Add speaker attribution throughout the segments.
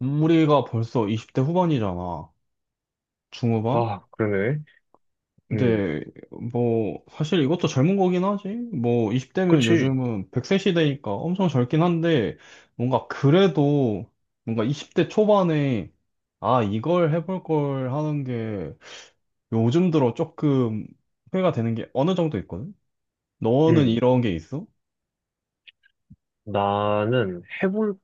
Speaker 1: 우리가 벌써 20대 후반이잖아. 중후반?
Speaker 2: 아, 그러네. 음,
Speaker 1: 근데 뭐 사실 이것도 젊은 거긴 하지. 뭐 20대면
Speaker 2: 그치.
Speaker 1: 요즘은 1 0세 시대니까 엄청 젊긴 한데 뭔가 그래도 뭔가 20대 초반에 아 이걸 해볼 걸 하는 게 요즘 들어 조금 후회가 되는 게 어느 정도 있거든. 너는
Speaker 2: 음,
Speaker 1: 이런 게 있어?
Speaker 2: 나는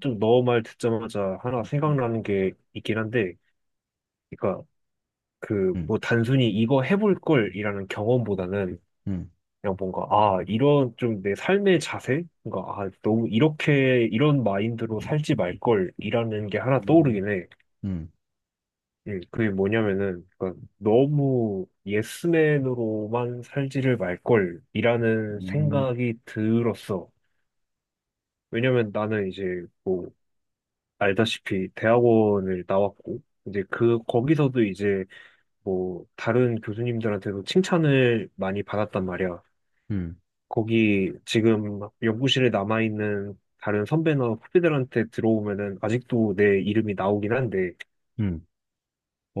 Speaker 2: 좀 너 말 듣자마자 하나
Speaker 1: 응,
Speaker 2: 생각나는 게 있긴 한데, 그러니까 그
Speaker 1: 응,
Speaker 2: 뭐 단순히 이거 해볼 걸이라는 경험보다는 그냥 뭔가 아 이런 좀 내 삶의 자세, 뭔가 아 너무 이렇게 이런 마인드로 살지 말 걸이라는 게 하나
Speaker 1: 응,
Speaker 2: 떠오르긴 해.
Speaker 1: 응,
Speaker 2: 그게 뭐냐면은 그러니까 너무 예스맨으로만 살지를 말 걸이라는
Speaker 1: 응,
Speaker 2: 생각이 들었어. 왜냐면 나는 이제 뭐 알다시피 대학원을 나왔고 이제 그 거기서도 이제 뭐 다른 교수님들한테도 칭찬을 많이 받았단 말이야.
Speaker 1: 응,
Speaker 2: 거기 지금 연구실에 남아 있는 다른 선배나 후배들한테 들어오면은 아직도 내 이름이 나오긴 한데,
Speaker 1: 응.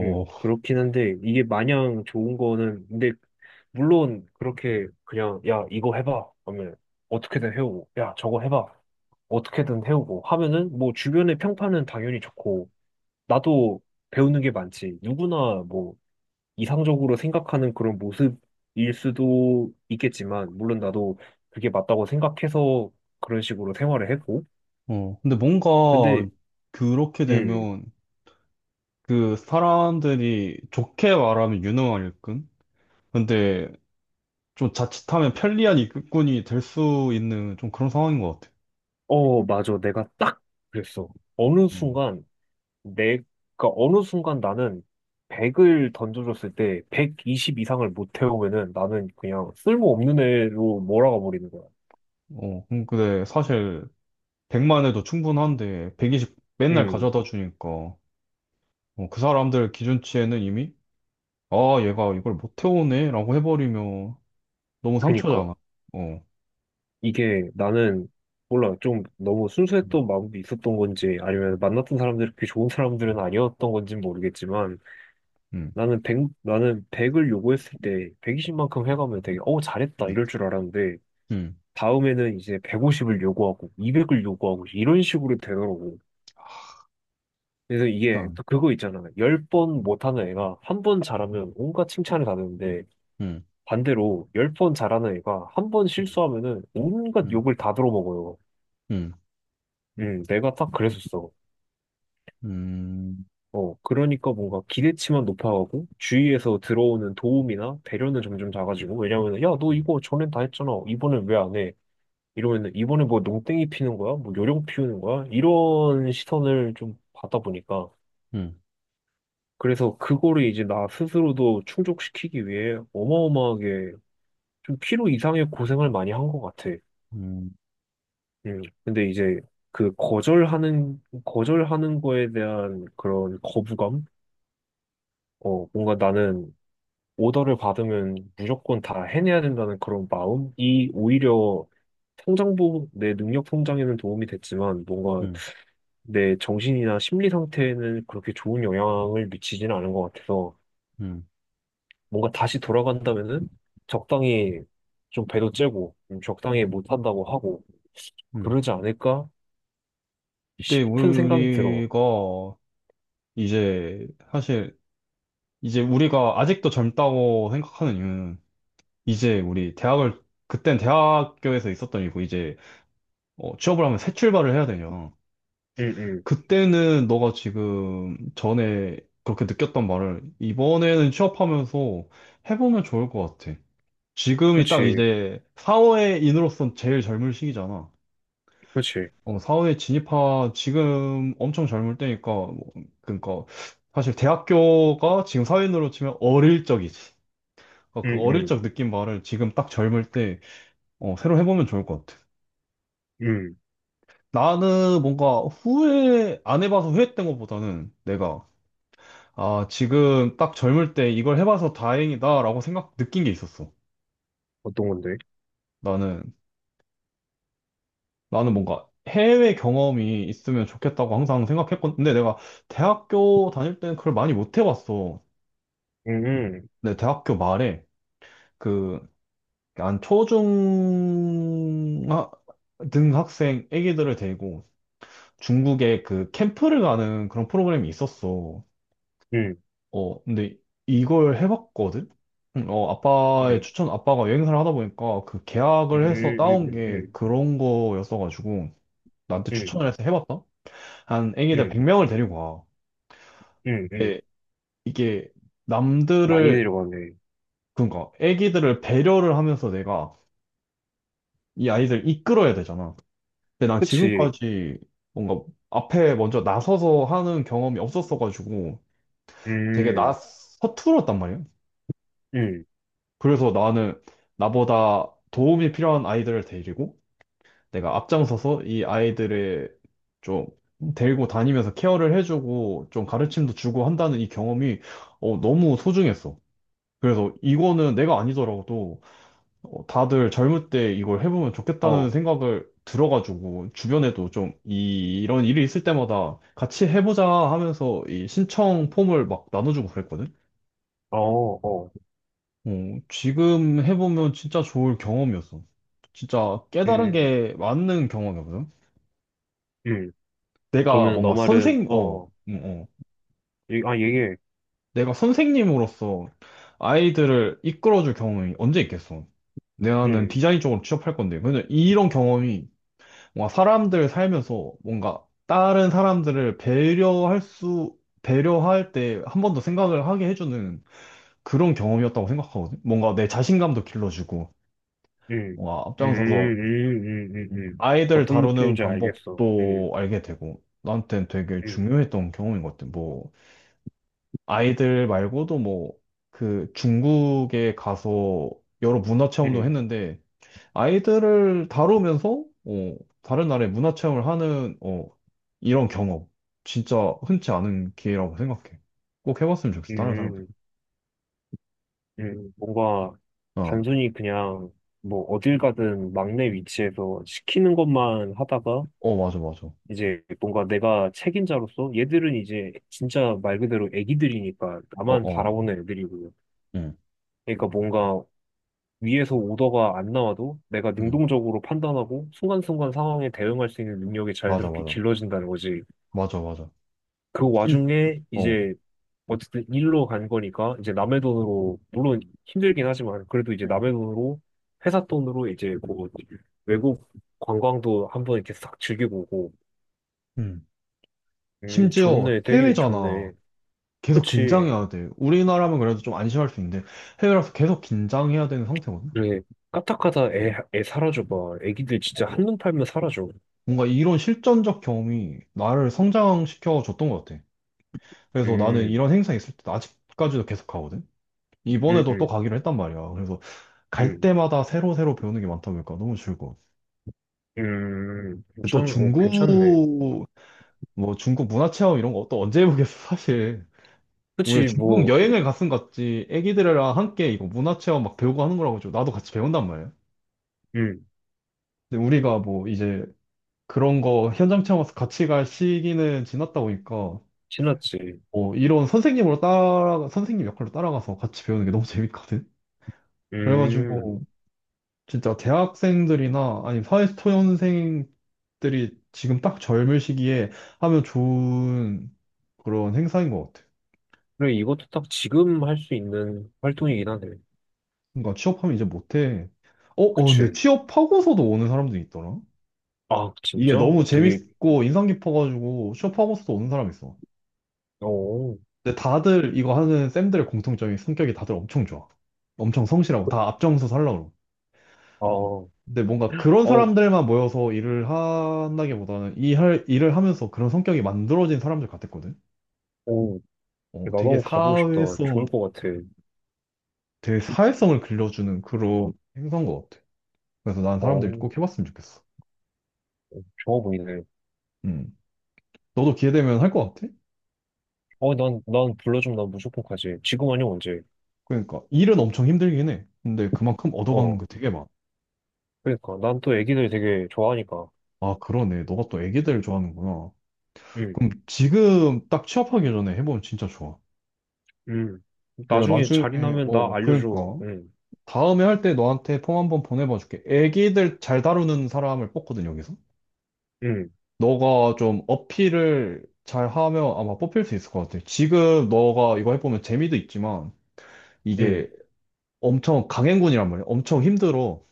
Speaker 2: 그렇긴 한데 이게 마냥 좋은 거는 근데 물론 그렇게 그냥 야 이거 해봐 하면 어떻게든 해오고 야 저거 해봐 어떻게든 해오고 하면은 뭐 주변의 평판은 당연히 좋고 나도 배우는 게 많지. 누구나 뭐 이상적으로 생각하는 그런 모습일 수도 있겠지만 물론 나도 그게 맞다고 생각해서 그런 식으로 생활을 했고
Speaker 1: 어, 근데 뭔가
Speaker 2: 근데
Speaker 1: 그렇게
Speaker 2: 음,
Speaker 1: 되면 그 사람들이 좋게 말하면 유능한 일꾼? 근데 좀 자칫하면 편리한 일꾼이 될 수 있는 좀 그런 상황인 것 같아.
Speaker 2: 맞아. 내가 딱 그랬어. 어느
Speaker 1: 음.
Speaker 2: 순간 내가 어느 순간 나는 100을 던져줬을 때 120 이상을 못 태우면은 나는 그냥 쓸모없는 애로 몰아가 버리는 거야.
Speaker 1: 어, 근데 사실 100만 해도 충분한데 120 맨날
Speaker 2: 음,
Speaker 1: 가져다 주니까 어, 그 사람들 기준치에는 이미 아, 얘가 이걸 못 해오네 라고 해버리면 너무
Speaker 2: 그니까.
Speaker 1: 상처잖아. 어,
Speaker 2: 이게 나는 몰라 좀 너무
Speaker 1: 음.
Speaker 2: 순수했던 마음도 있었던 건지 아니면 만났던 사람들이 그렇게 좋은 사람들은 아니었던 건지 는 모르겠지만
Speaker 1: 음,
Speaker 2: 나는 백을 요구했을 때 120만큼 해가면 되게 어 잘했다
Speaker 1: 음.
Speaker 2: 이럴 줄 알았는데
Speaker 1: 음,
Speaker 2: 다음에는 이제 150을 요구하고 200을 요구하고 이런 식으로 되더라고. 그래서 이게
Speaker 1: 참.
Speaker 2: 또 그거 있잖아. 열 번 못하는 애가 한 번 잘하면 온갖 칭찬을 받는데
Speaker 1: 음,
Speaker 2: 반대로 열 번 잘하는 애가 한 번 실수하면은 온갖
Speaker 1: 음,
Speaker 2: 욕을 다 들어먹어요.
Speaker 1: 음.
Speaker 2: 내가 딱 그랬었어.
Speaker 1: 음,
Speaker 2: 그러니까 뭔가 기대치만 높아가고 주위에서 들어오는 도움이나 배려는 점점 작아지고 왜냐면 야, 너
Speaker 1: 음,
Speaker 2: 이거 전엔 다 했잖아. 이번엔 왜 안 해? 이러면 이번에 뭐 농땡이 피는 거야? 뭐 요령 피우는 거야? 이런 시선을 좀 받다 보니까
Speaker 1: 음,
Speaker 2: 그래서 그거를 이제 나 스스로도 충족시키기 위해 어마어마하게 좀 필요 이상의 고생을 많이 한 것 같아.
Speaker 1: 음,
Speaker 2: 음. 근데 이제 그 거절하는 거에 대한 그런 거부감? 뭔가 나는 오더를 받으면 무조건 다 해내야 된다는 그런 마음이 오히려 성장부 내 능력 성장에는 도움이 됐지만 뭔가
Speaker 1: 음,
Speaker 2: 내 정신이나 심리 상태에는 그렇게 좋은 영향을 미치지는 않은 것 같아서
Speaker 1: 음,
Speaker 2: 뭔가 다시 돌아간다면은 적당히 좀 배도 째고 좀 적당히 못한다고 하고
Speaker 1: 음.
Speaker 2: 그러지 않을까
Speaker 1: 근데
Speaker 2: 싶은 생각이 들어.
Speaker 1: 우리가 이제 사실 이제 우리가 아직도 젊다고 생각하는 이유는 이제 우리 대학을 그땐 대학교에서 있었던 일이고 이제 어, 취업을 하면 새 출발을 해야 되냐.
Speaker 2: 응, 응.
Speaker 1: 그때는 너가 지금 전에 그렇게 느꼈던 말을 이번에는 취업하면서 해보면 좋을 것 같아. 지금이 딱
Speaker 2: 그치,
Speaker 1: 이제 사회인으로서 제일 젊은 시기잖아.
Speaker 2: 그치.
Speaker 1: 어, 사회에 진입하, 지금 엄청 젊을 때니까, 뭐, 그러니까, 사실 대학교가 지금 사회인으로 치면 어릴 적이지. 그러니까 그
Speaker 2: 응,
Speaker 1: 어릴
Speaker 2: 응,
Speaker 1: 적 느낀 말을 지금 딱 젊을 때, 어, 새로 해보면 좋을 것 같아.
Speaker 2: 응.
Speaker 1: 나는 뭔가 후회, 안 해봐서 후회했던 것보다는 내가, 아, 지금 딱 젊을 때 이걸 해봐서 다행이다라고 생각, 느낀 게 있었어.
Speaker 2: 어떤 건데?
Speaker 1: 나는, 나는 뭔가 해외 경험이 있으면 좋겠다고 항상 생각했건, 근데 내가 대학교 다닐 때는 그걸 많이 못 해봤어.
Speaker 2: 응, 응,
Speaker 1: 네, 대학교 말에 그 한 초중 등 학생 애기들을 데리고 중국에 그 캠프를 가는 그런 프로그램이 있었어.
Speaker 2: 응,
Speaker 1: 어, 근데 이걸 해봤거든? 응, 어, 아빠의
Speaker 2: 응,
Speaker 1: 추천, 아빠가 여행사를 하다 보니까 그
Speaker 2: 응,
Speaker 1: 계약을 해서
Speaker 2: 응,
Speaker 1: 따온
Speaker 2: 응,
Speaker 1: 게
Speaker 2: 응.
Speaker 1: 그런 거였어가지고 나한테
Speaker 2: 응.
Speaker 1: 추천을 해서 해봤다? 한 애기들
Speaker 2: 응,
Speaker 1: 100명을 데리고 와.
Speaker 2: 응, 응.
Speaker 1: 예, 이게
Speaker 2: 많이
Speaker 1: 남들을,
Speaker 2: 내려가네.
Speaker 1: 그러니까 애기들을 배려를 하면서 내가 이 아이들 이끌어야 되잖아. 근데 난
Speaker 2: 그치.
Speaker 1: 지금까지 뭔가 앞에 먼저 나서서 하는 경험이 없었어가지고 되게 나
Speaker 2: 음,
Speaker 1: 서툴었단 말이야.
Speaker 2: 음,
Speaker 1: 그래서 나는 나보다 도움이 필요한 아이들을 데리고 내가 앞장서서 이 아이들을 좀 데리고 다니면서 케어를 해주고 좀 가르침도 주고 한다는 이 경험이 어, 너무 소중했어. 그래서 이거는 내가 아니더라도 어, 다들 젊을 때 이걸 해보면 좋겠다는
Speaker 2: 어,
Speaker 1: 생각을 들어가지고 주변에도 좀 이런 일이 있을 때마다 같이 해보자 하면서 이 신청 폼을 막 나눠주고 그랬거든.
Speaker 2: 어, 어,
Speaker 1: 어, 지금 해보면 진짜 좋을 경험이었어. 진짜 깨달은
Speaker 2: 음,
Speaker 1: 게 맞는 경험이거든.
Speaker 2: 음.
Speaker 1: 내가
Speaker 2: 그러면 너
Speaker 1: 뭔가
Speaker 2: 말은,
Speaker 1: 선생, 어, 어.
Speaker 2: 얘기해.
Speaker 1: 내가 선생님으로서 아이들을 이끌어줄 경험이 언제 있겠어. 내가는
Speaker 2: 음,
Speaker 1: 디자인 쪽으로 취업할 건데. 왜냐 이런 경험이 뭔가 사람들 살면서 뭔가 다른 사람들을 배려할 때 한 번 더 생각을 하게 해주는 그런 경험이었다고 생각하거든. 뭔가 내 자신감도 길러주고,
Speaker 2: 음,
Speaker 1: 뭔가
Speaker 2: 음,
Speaker 1: 앞장서서
Speaker 2: 음, 음, 음, 음.
Speaker 1: 아이들
Speaker 2: 어떤
Speaker 1: 다루는
Speaker 2: 느낌인지 알겠어.
Speaker 1: 방법도 알게 되고, 나한테는 되게
Speaker 2: 음,
Speaker 1: 중요했던 경험인 것 같아. 뭐, 아이들 말고도 뭐, 그 중국에 가서 여러 문화 체험도
Speaker 2: 음,
Speaker 1: 했는데, 아이들을 다루면서 어, 다른 나라의 문화 체험을 하는 어, 이런 경험 진짜 흔치 않은 기회라고 생각해. 꼭 해봤으면 좋겠어. 다른 사람들.
Speaker 2: 음, 뭔가
Speaker 1: 어,
Speaker 2: 단순히 그냥 뭐 어딜 가든 막내 위치에서 시키는 것만 하다가
Speaker 1: 어 맞아 맞아.
Speaker 2: 이제 뭔가 내가 책임자로서 얘들은 이제 진짜 말 그대로 애기들이니까
Speaker 1: 어
Speaker 2: 나만
Speaker 1: 어,
Speaker 2: 바라보는 애들이고요.
Speaker 1: 응,
Speaker 2: 그러니까 뭔가 위에서 오더가 안 나와도 내가
Speaker 1: 응,
Speaker 2: 능동적으로 판단하고 순간순간 상황에 대응할 수 있는 능력이
Speaker 1: 맞아
Speaker 2: 자연스럽게
Speaker 1: 맞아,
Speaker 2: 길러진다는 거지.
Speaker 1: 맞아 맞아.
Speaker 2: 그
Speaker 1: 심,
Speaker 2: 와중에
Speaker 1: 어,
Speaker 2: 이제 어쨌든 일로 간 거니까 이제 남의 돈으로 물론 힘들긴 하지만 그래도 이제
Speaker 1: 응,
Speaker 2: 남의 돈으로 회사 돈으로 이제 뭐 외국 관광도 한번 이렇게 싹 즐기고 오고
Speaker 1: 응.
Speaker 2: 음
Speaker 1: 심지어
Speaker 2: 좋네 되게
Speaker 1: 해외잖아.
Speaker 2: 좋네.
Speaker 1: 계속
Speaker 2: 그치.
Speaker 1: 긴장해야 돼. 우리나라면 그래도 좀 안심할 수 있는데 해외라서 계속 긴장해야 되는 상태거든.
Speaker 2: 그래, 까딱하다 애 사라져봐. 애기들 진짜
Speaker 1: 어,
Speaker 2: 한눈 팔면 사라져.
Speaker 1: 뭔가 이런 실전적 경험이 나를 성장시켜 줬던 것 같아. 그래서 나는
Speaker 2: 음,
Speaker 1: 이런 행사 있을 때 아직까지도 계속 가거든.
Speaker 2: 음,
Speaker 1: 이번에도 또
Speaker 2: 음,
Speaker 1: 가기로 했단 말이야. 그래서 갈
Speaker 2: 음,
Speaker 1: 때마다 새로 새로 배우는 게 많다 보니까 너무 즐거워. 근데 또
Speaker 2: 괜찮네.
Speaker 1: 중국 뭐 중국 문화 체험 이런 거 또 언제 해보겠어 사실. 우리
Speaker 2: 그치,
Speaker 1: 중국
Speaker 2: 뭐,
Speaker 1: 여행을 갔음 같지 애기들이랑 함께 이거 문화 체험 막 배우고 하는 거라고 좀 나도 같이 배운단 말이야.
Speaker 2: 음,
Speaker 1: 근데 우리가 뭐 이제 그런 거 현장 체험 와서 같이 갈 시기는 지났다 보니까
Speaker 2: 지났지.
Speaker 1: 뭐 이런 선생님으로 따라 선생님 역할로 따라가서 같이 배우는 게 너무 재밌거든.
Speaker 2: 음,
Speaker 1: 그래가지고 진짜 대학생들이나 아니 사회초년생들이 지금 딱 젊을 시기에 하면 좋은 그런 행사인 것 같아.
Speaker 2: 그래, 이것도 딱 지금 할 수 있는 활동이긴 하네.
Speaker 1: 그러니까 취업하면 이제 못해. 어, 어, 근데
Speaker 2: 그치.
Speaker 1: 취업하고서도 오는 사람들이 있더라.
Speaker 2: 아,
Speaker 1: 이게
Speaker 2: 진짜?
Speaker 1: 너무
Speaker 2: 어, 되게,
Speaker 1: 재밌고 인상 깊어가지고 취업하고서도 오는 사람 있어.
Speaker 2: 어,
Speaker 1: 근데 다들 이거 하는 쌤들의 공통점이 성격이 다들 엄청 좋아. 엄청 성실하고 다 앞장서 살라고. 그러고.
Speaker 2: 아, 어,
Speaker 1: 근데 뭔가 그런 사람들만 모여서 일을 한다기보다는 일을 하면서 그런 성격이 만들어진 사람들 같았거든.
Speaker 2: 어,
Speaker 1: 어,
Speaker 2: 나도
Speaker 1: 되게
Speaker 2: 한번 가보고 싶다.
Speaker 1: 사회성,
Speaker 2: 좋을 것 같아.
Speaker 1: 되게 사회성을 길러주는 그런 행사인 것 같아. 그래서 난
Speaker 2: 어,
Speaker 1: 사람들이
Speaker 2: 어,
Speaker 1: 꼭 해봤으면 좋겠어.
Speaker 2: 좋아 보이네.
Speaker 1: 음. 너도 기회 되면 할 것 같아?
Speaker 2: 난, 불러주면 난 무조건 가지. 지금 아니면 언제?
Speaker 1: 그러니까 일은 엄청 힘들긴 해. 근데 그만큼 얻어가는
Speaker 2: 어.
Speaker 1: 거 되게 많아.
Speaker 2: 그러니까 난 또 애기들 되게 좋아하니까.
Speaker 1: 아, 그러네. 너가 또 애기들 좋아하는구나.
Speaker 2: 응,
Speaker 1: 그럼 지금 딱 취업하기 전에 해보면 진짜 좋아.
Speaker 2: 응.
Speaker 1: 내가
Speaker 2: 나중에
Speaker 1: 나중에,
Speaker 2: 자리 나면 나
Speaker 1: 어,
Speaker 2: 알려줘.
Speaker 1: 그러니까.
Speaker 2: 응,
Speaker 1: 다음에 할 때 너한테 폼 한번 보내봐 줄게. 애기들 잘 다루는 사람을 뽑거든, 여기서.
Speaker 2: 응,
Speaker 1: 너가 좀 어필을 잘 하면 아마 뽑힐 수 있을 것 같아. 지금 너가 이거 해보면 재미도 있지만
Speaker 2: 응,
Speaker 1: 이게 엄청 강행군이란 말이야. 엄청 힘들어.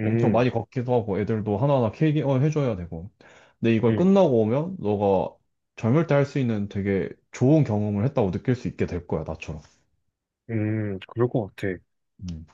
Speaker 1: 엄청 많이 걷기도 하고 애들도 하나하나 케어해줘야 되고. 근데 이걸
Speaker 2: 응,
Speaker 1: 끝나고 오면 너가 젊을 때 할 수 있는 되게 좋은 경험을 했다고 느낄 수 있게 될 거야, 나처럼.
Speaker 2: 응. 그럴 것 같아.
Speaker 1: 음.